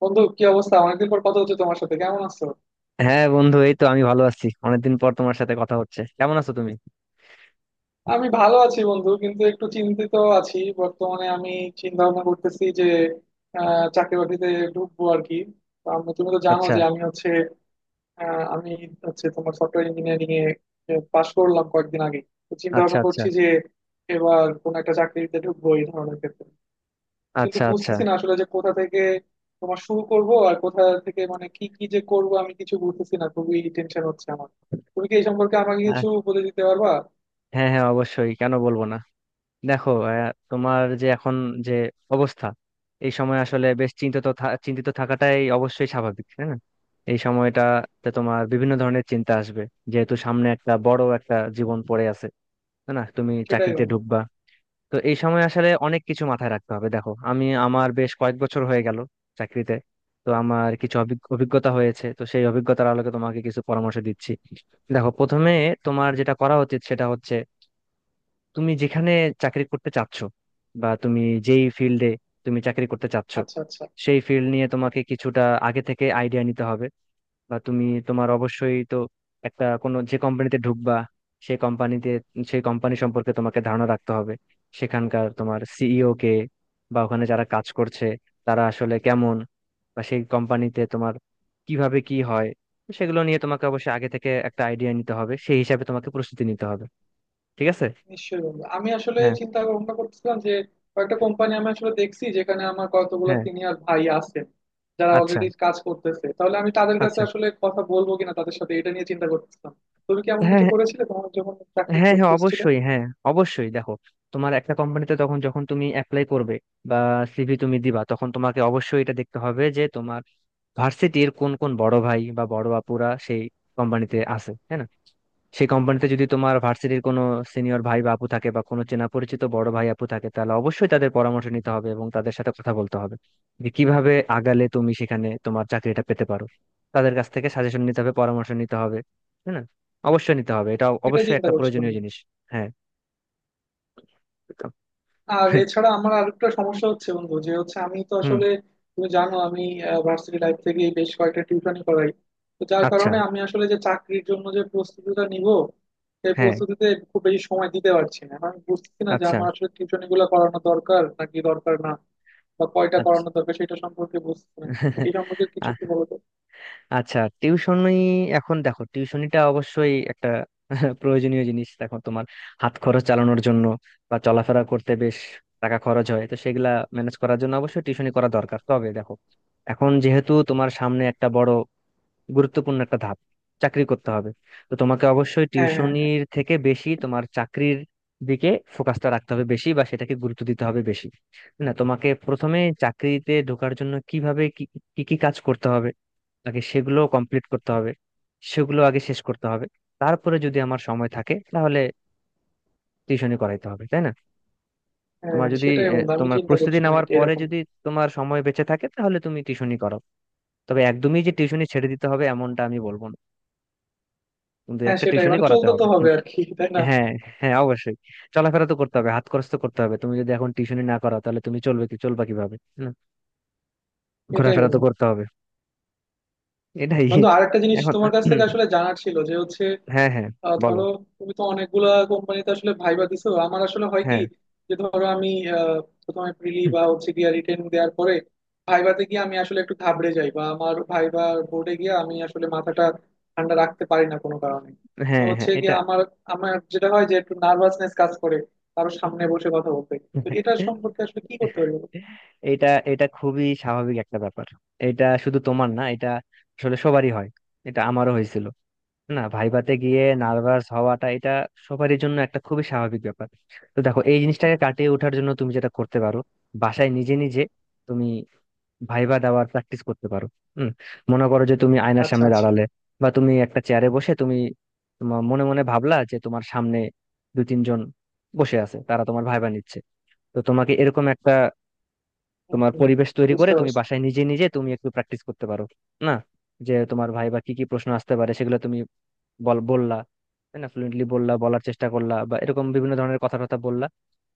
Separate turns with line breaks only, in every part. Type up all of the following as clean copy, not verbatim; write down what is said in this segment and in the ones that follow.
বন্ধু, কি অবস্থা? অনেকদিন পর কথা হচ্ছে তোমার সাথে। কেমন আছো?
হ্যাঁ বন্ধু, এই তো আমি ভালো আছি। অনেকদিন পর তোমার সাথে কথা হচ্ছে। কেমন আছো তুমি?
আমি ভালো আছি বন্ধু, কিন্তু একটু চিন্তিত আছি বর্তমানে। আমি চিন্তা ভাবনা করতেছি যে চাকরি বাকরিতে ঢুকবো আর কি। তো তুমি তো জানো
আচ্ছা।
যে আমি হচ্ছে তোমার সফটওয়্যার ইঞ্জিনিয়ারিং এ পাশ করলাম কয়েকদিন আগে। তো চিন্তা
আচ্ছা।
ভাবনা
আচ্ছা।
করছি যে এবার কোন একটা চাকরিতে ঢুকবো এই ধরনের ক্ষেত্রে। কিন্তু
আচ্ছা। আচ্ছা।
বুঝতেছি না আসলে যে কোথা থেকে তোমার শুরু করব আর কোথা থেকে মানে কি কি যে করব, আমি কিছু বুঝতেছি না। খুবই টেনশন হচ্ছে আমার। তুমি কি এই সম্পর্কে আমাকে
আহ,
কিছু বলে দিতে পারবা?
হ্যাঁ, হ্যাঁ, অবশ্যই। কেন বলবো না। দেখো, তোমার যে এখন যে অবস্থা, এই সময় আসলে বেশ চিন্তিত থাকাটাই অবশ্যই স্বাভাবিক, তাই না? এই সময়টাতে তোমার বিভিন্ন ধরনের চিন্তা আসবে, যেহেতু সামনে একটা বড় একটা জীবন পড়ে আছে। তাই না, তুমি
সেটাই
চাকরিতে
বন্ধু।
ঢুকবা। তো এই সময় আসলে অনেক কিছু মাথায় রাখতে হবে। দেখো, আমি আমার বেশ কয়েক বছর হয়ে গেল চাকরিতে। তো আমার কিছু অভিজ্ঞতা হয়েছে, তো সেই অভিজ্ঞতার আলোকে তোমাকে কিছু পরামর্শ দিচ্ছি। দেখো, প্রথমে তোমার যেটা করা উচিত সেটা হচ্ছে, তুমি যেখানে চাকরি করতে চাচ্ছ, বা তুমি যেই ফিল্ডে তুমি চাকরি করতে চাচ্ছ,
আচ্ছা, আচ্ছা।
সেই ফিল্ড নিয়ে
হ্যাঁ।
তোমাকে কিছুটা আগে থেকে আইডিয়া নিতে হবে। বা তুমি তোমার অবশ্যই তো একটা কোনো যে কোম্পানিতে ঢুকবা, সেই কোম্পানিতে, সেই কোম্পানি সম্পর্কে তোমাকে ধারণা রাখতে হবে। সেখানকার তোমার সিইও কে, বা ওখানে যারা কাজ করছে তারা আসলে কেমন, বা সেই কোম্পানিতে তোমার কিভাবে কি হয়, সেগুলো নিয়ে তোমাকে অবশ্যই আগে থেকে একটা আইডিয়া নিতে হবে। সেই হিসাবে তোমাকে প্রস্তুতি নিতে হবে, ঠিক আছে?
নিশ্চয়ই বন্ধু, আমি আসলে
হ্যাঁ,
চিন্তা ভাবনা করতেছিলাম যে কয়েকটা কোম্পানি আমি আসলে দেখছি যেখানে আমার কতগুলো
হ্যাঁ।
সিনিয়র ভাই আছেন, যারা
আচ্ছা,
অলরেডি কাজ করতেছে। তাহলে আমি তাদের কাছে
আচ্ছা।
আসলে কথা বলবো কিনা তাদের সাথে, এটা নিয়ে চিন্তা করতেছিলাম। তুমি কি এমন
হ্যাঁ,
কিছু
হ্যাঁ।
করেছিলে তোমার যখন চাকরি
হ্যাঁ, হ্যাঁ,
খুঁজছিলে?
অবশ্যই। হ্যাঁ, অবশ্যই। দেখো, তোমার একটা কোম্পানিতে তখন যখন তুমি অ্যাপ্লাই করবে বা সিভি তুমি দিবা, তখন তোমাকে অবশ্যই এটা দেখতে হবে যে তোমার ভার্সিটির কোন কোন বড় ভাই বা বড় আপুরা সেই কোম্পানিতে আছে, হ্যাঁ না? সেই কোম্পানিতে যদি তোমার ভার্সিটির কোনো সিনিয়র ভাই বা আপু থাকে, বা কোনো চেনা পরিচিত বড় ভাই আপু থাকে, তাহলে অবশ্যই তাদের পরামর্শ নিতে হবে এবং তাদের সাথে কথা বলতে হবে, যে কিভাবে আগালে তুমি সেখানে তোমার চাকরিটা পেতে পারো। তাদের কাছ থেকে সাজেশন নিতে হবে, পরামর্শ নিতে হবে, তাই না? অবশ্যই নিতে হবে, এটা
এটা
অবশ্যই
চিন্তা
একটা
করছিলাম।
প্রয়োজনীয় জিনিস। হ্যাঁ। তো-
আর এছাড়া আমার আরেকটা সমস্যা হচ্ছে বন্ধু যে হচ্ছে আমি তো
হুম।
আসলে, তুমি জানো, আমি ভার্সিটি লাইফ থেকে বেশ কয়েকটা টিউশনই করাই। তো যার
আচ্ছা।
কারণে আমি আসলে যে চাকরির জন্য যে প্রস্তুতিটা নিব, সেই
হ্যাঁ।
প্রস্তুতিতে খুব বেশি সময় দিতে পারছি না। আমি বুঝতেছি না যে
আচ্ছা।
আমার আসলে টিউশনি গুলো করানো দরকার নাকি দরকার না, বা কয়টা
আচ্ছা।
করানো দরকার সেটা সম্পর্কে বুঝতেছি না। এই সম্পর্কে কিছু একটু বলো তো।
আচ্ছা, টিউশনি। এখন দেখো, টিউশনিটা অবশ্যই একটা প্রয়োজনীয় জিনিস। দেখো, তোমার হাত খরচ চালানোর জন্য বা চলাফেরা করতে বেশ টাকা খরচ হয়, তো সেগুলা ম্যানেজ করার জন্য অবশ্যই টিউশনি করা দরকার। তবে দেখো, এখন যেহেতু তোমার সামনে একটা বড় গুরুত্বপূর্ণ একটা ধাপ, চাকরি করতে হবে, তো তোমাকে অবশ্যই
হ্যাঁ, হ্যাঁ, হ্যাঁ,
টিউশনির থেকে বেশি তোমার চাকরির দিকে ফোকাসটা রাখতে হবে বেশি, বা সেটাকে গুরুত্ব দিতে হবে বেশি। তাই না? তোমাকে প্রথমে চাকরিতে ঢোকার জন্য কিভাবে কি, কি কি কাজ করতে হবে, আগে সেগুলো কমপ্লিট করতে হবে, সেগুলো আগে শেষ করতে হবে। তারপরে যদি আমার সময় থাকে তাহলে টিউশনি করাইতে হবে, তাই না?
হ্যাঁ।
তোমার যদি,
সেটাই বন্ধু, আমি
তোমার
চিন্তা
প্রস্তুতি
করছিলাম
নেওয়ার
এটা
পরে
এরকম।
যদি তোমার সময় বেঁচে থাকে, তাহলে তুমি টিউশনি করো। তবে একদমই যে টিউশনি ছেড়ে দিতে হবে এমনটা আমি বলবো না, কিন্তু
হ্যাঁ
একটা
সেটাই,
টিউশনি
মানে
করাতে
চলতে তো
হবে।
হবে
হুম।
আর কি, তাই না?
হ্যাঁ, হ্যাঁ, অবশ্যই। চলাফেরা তো করতে হবে, হাত খরচ তো করতে হবে। তুমি যদি এখন টিউশনি না করো তাহলে তুমি চলবে কি, চলবা কিভাবে, তাই না?
এটাই
ঘোরাফেরা তো
বন্ধু।
করতে হবে। এটাই।
বন্ধু, আরেকটা জিনিস
এখন।
তোমার কাছ থেকে আসলে জানার ছিল যে হচ্ছে,
হ্যাঁ, হ্যাঁ, বলো।
ধরো, তুমি তো অনেকগুলা কোম্পানিতে আসলে ভাইবা দিছো, আমার আসলে হয় কি,
হ্যাঁ,
যে ধরো আমি আহ, প্রথমে প্রিলি বা হচ্ছে গিয়া রিটেন দেওয়ার পরে ভাইভাতে গিয়ে আমি আসলে একটু ঘাবড়ে যাই। বা আমার ভাইবা বোর্ডে গিয়ে আমি আসলে মাথাটা ঠান্ডা রাখতে পারি না কোনো কারণে। তো
হ্যাঁ। হ্যাঁ,
হচ্ছে গিয়ে
এটা,
আমার আমার যেটা হয় যে একটু নার্ভাসনেস কাজ করে কারো সামনে বসে কথা বলতে। তো এটা সম্পর্কে আসলে কি করতে পারি বলো তো?
এটা এটা খুবই স্বাভাবিক একটা ব্যাপার। এটা শুধু তোমার না, এটা আসলে সবারই হয়। এটা আমারও হয়েছিল। না, ভাইভাতে গিয়ে নার্ভাস হওয়াটা এটা সবারই জন্য একটা খুবই স্বাভাবিক ব্যাপার। তো দেখো, এই জিনিসটাকে কাটিয়ে ওঠার জন্য তুমি যেটা করতে পারো, বাসায় নিজে নিজে তুমি ভাইভা দেওয়ার প্র্যাকটিস করতে পারো। হুম। মনে করো যে তুমি আয়নার
আচ্ছা,
সামনে
আচ্ছা।
দাঁড়ালে, বা তুমি একটা চেয়ারে বসে তুমি তোমার মনে মনে ভাবলা যে তোমার সামনে দু তিনজন বসে আছে, তারা তোমার ভাইবা নিচ্ছে। তো তোমাকে এরকম একটা
হম
তোমার
হম।
পরিবেশ তৈরি করে
বুঝতে
তুমি
পারছি।
বাসায় নিজে নিজে তুমি একটু প্র্যাকটিস করতে পারো। না, যে তোমার ভাই বা কি কি প্রশ্ন আসতে পারে সেগুলো তুমি বললা, তাই না? ফ্লুয়েন্টলি বললা, বলার চেষ্টা করলা, বা এরকম বিভিন্ন ধরনের কথা কথা বললা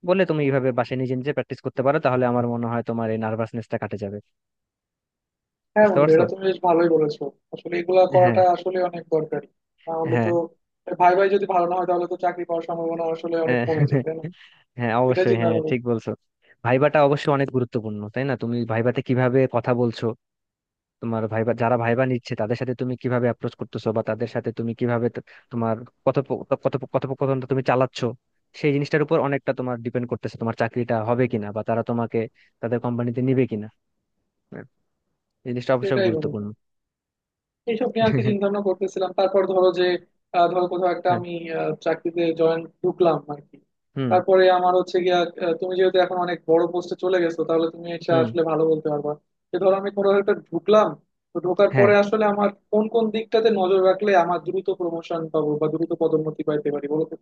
বলে। তুমি এইভাবে বাসায় নিজে নিজে প্র্যাকটিস করতে পারো, তাহলে আমার মনে হয় তোমার এই নার্ভাসনেসটা কাটে যাবে।
হ্যাঁ
বুঝতে
বন্ধু,
পারছো?
এটা তুমি বেশ ভালোই বলেছো। আসলে এগুলা
হ্যাঁ,
করাটা আসলে অনেক দরকারি। না হলে তো
হ্যাঁ।
ভাই ভাই যদি ভালো না হয় তাহলে তো চাকরি পাওয়ার সম্ভাবনা আসলে অনেক
হ্যাঁ,
কমে যায়, তাই না?
হ্যাঁ,
এটা
অবশ্যই।
চিন্তা
হ্যাঁ,
ভাবনা
ঠিক
করছি।
বলছো। ভাইবাটা অবশ্যই অনেক গুরুত্বপূর্ণ, তাই না? তুমি ভাইবাতে কিভাবে কথা বলছো, তোমার ভাইবা যারা ভাইবা নিচ্ছে তাদের সাথে তুমি কিভাবে অ্যাপ্রোচ করতেছো, বা তাদের সাথে তুমি কিভাবে তোমার কথোপকথনটা তুমি চালাচ্ছ, সেই জিনিসটার উপর অনেকটা তোমার ডিপেন্ড করতেছে তোমার চাকরিটা হবে কিনা, বা তারা তোমাকে তাদের কোম্পানিতে নিবে কিনা। হ্যাঁ, এই জিনিসটা অবশ্যই
এটাই বন্ধু।
গুরুত্বপূর্ণ।
এইসব নিয়ে আর কি চিন্তা ভাবনা করতেছিলাম। তারপর ধরো যে ধরো কোথাও একটা
হ্যাঁ।
আমি চাকরিতে জয়েন ঢুকলাম আর কি।
হুম।
তারপরে আমার হচ্ছে গিয়া, তুমি যেহেতু এখন অনেক বড় পোস্টে চলে গেছো তাহলে তুমি এটা
হুম।
আসলে ভালো বলতে পারবা, যে ধরো আমি কোনো একটা ঢুকলাম। তো ঢোকার
হ্যাঁ।
পরে আসলে আমার কোন কোন দিকটাতে নজর রাখলে আমার দ্রুত প্রমোশন পাবো বা দ্রুত পদোন্নতি পাইতে পারি বলো তো?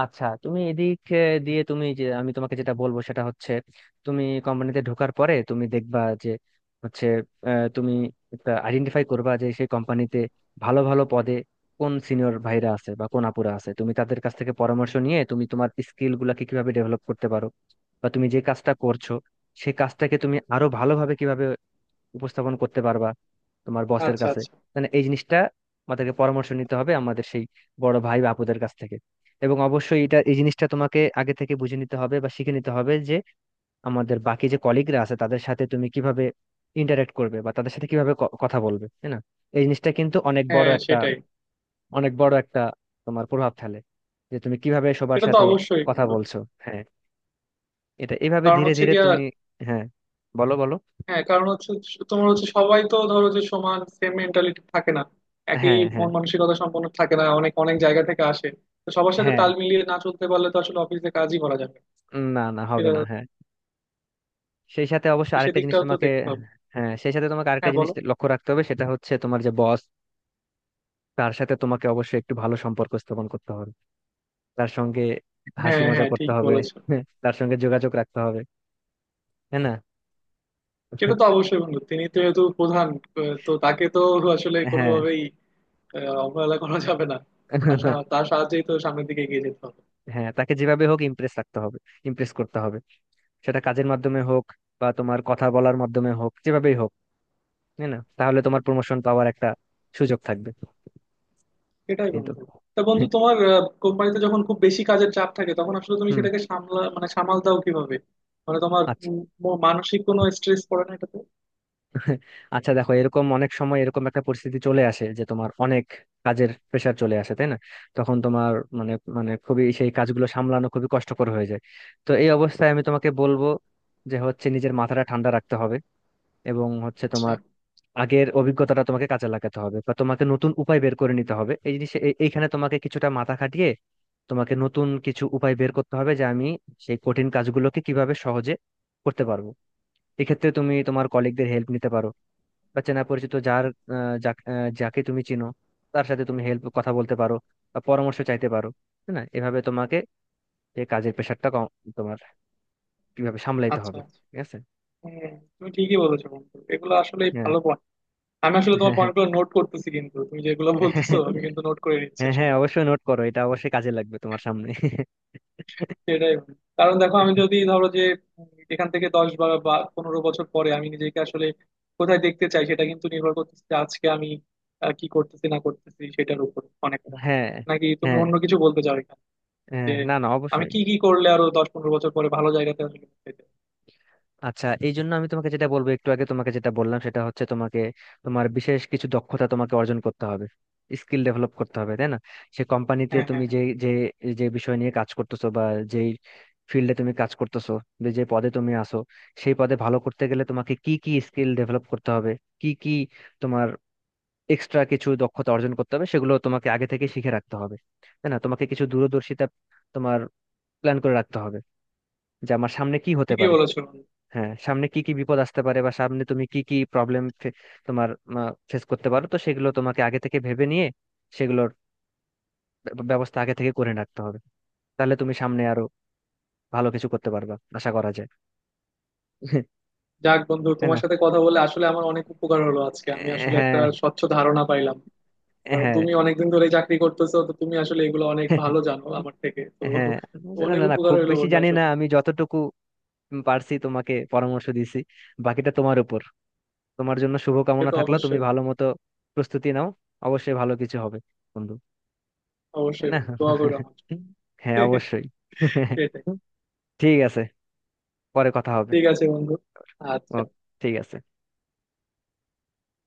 আচ্ছা, তুমি এদিক দিয়ে তুমি যে, আমি তোমাকে যেটা বলবো সেটা হচ্ছে, তুমি কোম্পানিতে ঢোকার পরে তুমি দেখবা যে হচ্ছে, তুমি আইডেন্টিফাই করবা যে সেই কোম্পানিতে ভালো ভালো পদে কোন সিনিয়র ভাইরা আছে বা কোন আপুরা আছে। তুমি তাদের কাছ থেকে পরামর্শ নিয়ে তুমি তোমার স্কিল গুলাকে কিভাবে ডেভেলপ করতে পারো, বা তুমি যে কাজটা করছো সেই কাজটাকে তুমি আরো ভালোভাবে কিভাবে উপস্থাপন করতে পারবা তোমার বসের
আচ্ছা,
কাছে।
আচ্ছা।
মানে এই জিনিসটা আমাদেরকে পরামর্শ নিতে হবে আমাদের সেই বড় ভাই বা আপুদের কাছ থেকে। এবং অবশ্যই এটা, এই জিনিসটা তোমাকে আগে থেকে বুঝে নিতে হবে বা শিখে নিতে হবে যে আমাদের বাকি যে কলিগরা আছে তাদের সাথে তুমি কিভাবে ইন্টারেক্ট করবে, বা তাদের সাথে কিভাবে কথা বলবে, তাই না? এই জিনিসটা কিন্তু অনেক বড়
হ্যাঁ
একটা,
সেটাই।
অনেক বড় একটা তোমার প্রভাব ফেলে, যে তুমি কিভাবে সবার
সেটা তো
সাথে
অবশ্যই
কথা
বন্ধু।
বলছো। হ্যাঁ। এটা এভাবে
কারণ
ধীরে
হচ্ছে
ধীরে
গিয়া,
তুমি। হ্যাঁ, বলো বলো।
হ্যাঁ, কারণ হচ্ছে তোমার হচ্ছে সবাই তো ধরো যে সমান সেম মেন্টালিটি থাকে না, একই
হ্যাঁ, হ্যাঁ।
মন মানসিকতা সম্পন্ন থাকে না, অনেক অনেক জায়গা থেকে আসে। তো সবার সাথে
হ্যাঁ,
তাল মিলিয়ে না চলতে পারলে তো আসলে অফিসে কাজই করা যাবে না।
না না, হবে
সেটা
না। হ্যাঁ, সেই সাথে অবশ্য
তো,
আরেকটা জিনিস
সেদিকটাও তো
তোমাকে।
দেখতে হবে।
হ্যাঁ, সেই সাথে তোমাকে আরেকটা
হ্যাঁ
জিনিস
বলো।
লক্ষ্য রাখতে হবে, সেটা হচ্ছে তোমার যে বস, তার সাথে তোমাকে অবশ্যই একটু ভালো সম্পর্ক স্থাপন করতে হবে। তার সঙ্গে হাসি
হ্যাঁ,
মজা
হ্যাঁ
করতে
ঠিক
হবে,
বলেছো।
তার সঙ্গে যোগাযোগ রাখতে হবে। হ্যাঁ, না।
সেটা তো অবশ্যই বন্ধু, তিনি তো যেহেতু প্রধান, তো তাকে তো আসলে
হ্যাঁ,
কোনোভাবেই অবহেলা করা যাবে না। তার সাহায্যেই তো সামনের দিকে এগিয়ে যেতে হবে।
হ্যাঁ, তাকে যেভাবে হোক ইমপ্রেস রাখতে হবে, ইমপ্রেস করতে হবে। সেটা কাজের মাধ্যমে হোক বা তোমার কথা বলার মাধ্যমে হোক, যেভাবেই হোক। হ্যাঁ, না, তাহলে তোমার প্রমোশন পাওয়ার একটা সুযোগ থাকবে।
এটাই
এই তো।
বন্ধু। তা বন্ধু, তোমার কোম্পানিতে যখন খুব বেশি কাজের চাপ থাকে তখন আসলে তুমি
হুম।
সেটাকে সামলা মানে সামাল দাও কিভাবে? মানে তোমার
আচ্ছা,
মানসিক কোনো স্ট্রেস পড়ে না এটাতে?
আচ্ছা। দেখো, এরকম অনেক সময় এরকম একটা পরিস্থিতি চলে আসে যে তোমার অনেক কাজের প্রেশার চলে আসে, তাই না? তখন তোমার মানে মানে খুবই সেই কাজগুলো সামলানো খুবই কষ্টকর হয়ে যায়। তো এই অবস্থায় আমি তোমাকে বলবো যে হচ্ছে নিজের মাথাটা ঠান্ডা রাখতে হবে, এবং হচ্ছে
আচ্ছা,
তোমার আগের অভিজ্ঞতাটা তোমাকে কাজে লাগাতে হবে, বা তোমাকে নতুন উপায় বের করে নিতে হবে। এই জিনিস এইখানে তোমাকে কিছুটা মাথা খাটিয়ে তোমাকে নতুন কিছু উপায় বের করতে হবে, যে আমি সেই কঠিন কাজগুলোকে কিভাবে সহজে করতে পারবো। এক্ষেত্রে তুমি তোমার কলিগদের হেল্প নিতে পারো, বা চেনা পরিচিত যার, যাকে তুমি চিনো তার সাথে তুমি হেল্প কথা বলতে পারো, বা পরামর্শ চাইতে পারো, তাই না? এভাবে তোমাকে এই কাজের প্রেশারটা কম তোমার কিভাবে সামলাইতে
আচ্ছা।
হবে।
আচ্ছা।
ঠিক আছে?
হ্যাঁ। তুমি ঠিকই বলেছো বন্ধু, এগুলো আসলে
হ্যাঁ,
ভালো পয়েন্ট। আমি আসলে তোমার
হ্যাঁ। হ্যাঁ,
পয়েন্ট গুলো নোট করতেছি, কিন্তু তুমি যেগুলো বলতেছো আমি কিন্তু নোট করে নিচ্ছি
হ্যাঁ। হ্যাঁ,
আসলে।
অবশ্যই নোট করো, এটা অবশ্যই কাজে লাগবে তোমার সামনে।
সেটাই বন্ধু। কারণ দেখো আমি যদি ধরো যে এখান থেকে 10 বা বা 15 বছর পরে আমি নিজেকে আসলে কোথায় দেখতে চাই, সেটা কিন্তু নির্ভর করতেছে যে আজকে আমি কি করতেছি না করতেছি সেটার উপর অনেকটা।
হ্যাঁ,
নাকি তুমি
হ্যাঁ।
অন্য কিছু বলতে চাও এখানে, যে
হ্যাঁ, না না,
আমি
অবশ্যই।
কি কি করলে আরো 10-15 বছর পরে ভালো জায়গাতে আসলে পৌঁছাতে চাই?
আচ্ছা, এই জন্য আমি তোমাকে যেটা বলবো, একটু আগে তোমাকে যেটা বললাম সেটা হচ্ছে, তোমাকে তোমার বিশেষ কিছু দক্ষতা তোমাকে অর্জন করতে হবে, স্কিল ডেভেলপ করতে হবে, তাই না? সে কোম্পানিতে
হ্যাঁ, হ্যাঁ,
তুমি
হ্যাঁ।
যে যে, যে বিষয় নিয়ে কাজ করতেছো, বা যেই ফিল্ডে তুমি কাজ করতেছো, বা যে পদে তুমি আসো, সেই পদে ভালো করতে গেলে তোমাকে কি কি স্কিল ডেভেলপ করতে হবে, কি কি তোমার এক্সট্রা কিছু দক্ষতা অর্জন করতে হবে, সেগুলো তোমাকে আগে থেকে শিখে রাখতে হবে, তাই না? তোমাকে কিছু দূরদর্শিতা তোমার প্ল্যান করে রাখতে হবে, যে আমার সামনে কি হতে
ঠিকই
পারে।
বলেছো বন্ধু।
হ্যাঁ, সামনে কি কি বিপদ আসতে পারে, বা সামনে তুমি কি কি প্রবলেম তোমার ফেস করতে পারো, তো সেগুলো তোমাকে আগে থেকে ভেবে নিয়ে সেগুলোর ব্যবস্থা আগে থেকে করে রাখতে হবে। তাহলে তুমি সামনে আরো ভালো কিছু করতে পারবা আশা করা যায়।
যাক বন্ধু,
তাই না?
তোমার সাথে কথা বলে আসলে আমার অনেক উপকার হলো আজকে। আমি আসলে একটা
হ্যাঁ।
স্বচ্ছ ধারণা পাইলাম, কারণ
হ্যাঁ।
তুমি অনেকদিন ধরে চাকরি করতেছো তো তুমি আসলে এগুলো অনেক ভালো জানো আমার থেকে তো।
হ্যাঁ, না
অনেক
না না,
উপকার
খুব
হইলো
বেশি
বন্ধু
জানি না।
আসলে।
আমি যতটুকু পারছি তোমাকে পরামর্শ দিছি, বাকিটা তোমার উপর। তোমার জন্য
সে
শুভকামনা
তো
থাকলো, তুমি
অবশ্যই।
ভালো মতো প্রস্তুতি নাও, অবশ্যই ভালো কিছু হবে বন্ধু। তাই
অবশ্যই
না।
বন্ধু, দোয়া করো আমার জন্য।
হ্যাঁ, অবশ্যই।
সেটাই।
ঠিক আছে, পরে কথা হবে।
ঠিক আছে বন্ধু।
ও,
আচ্ছা।
ঠিক আছে।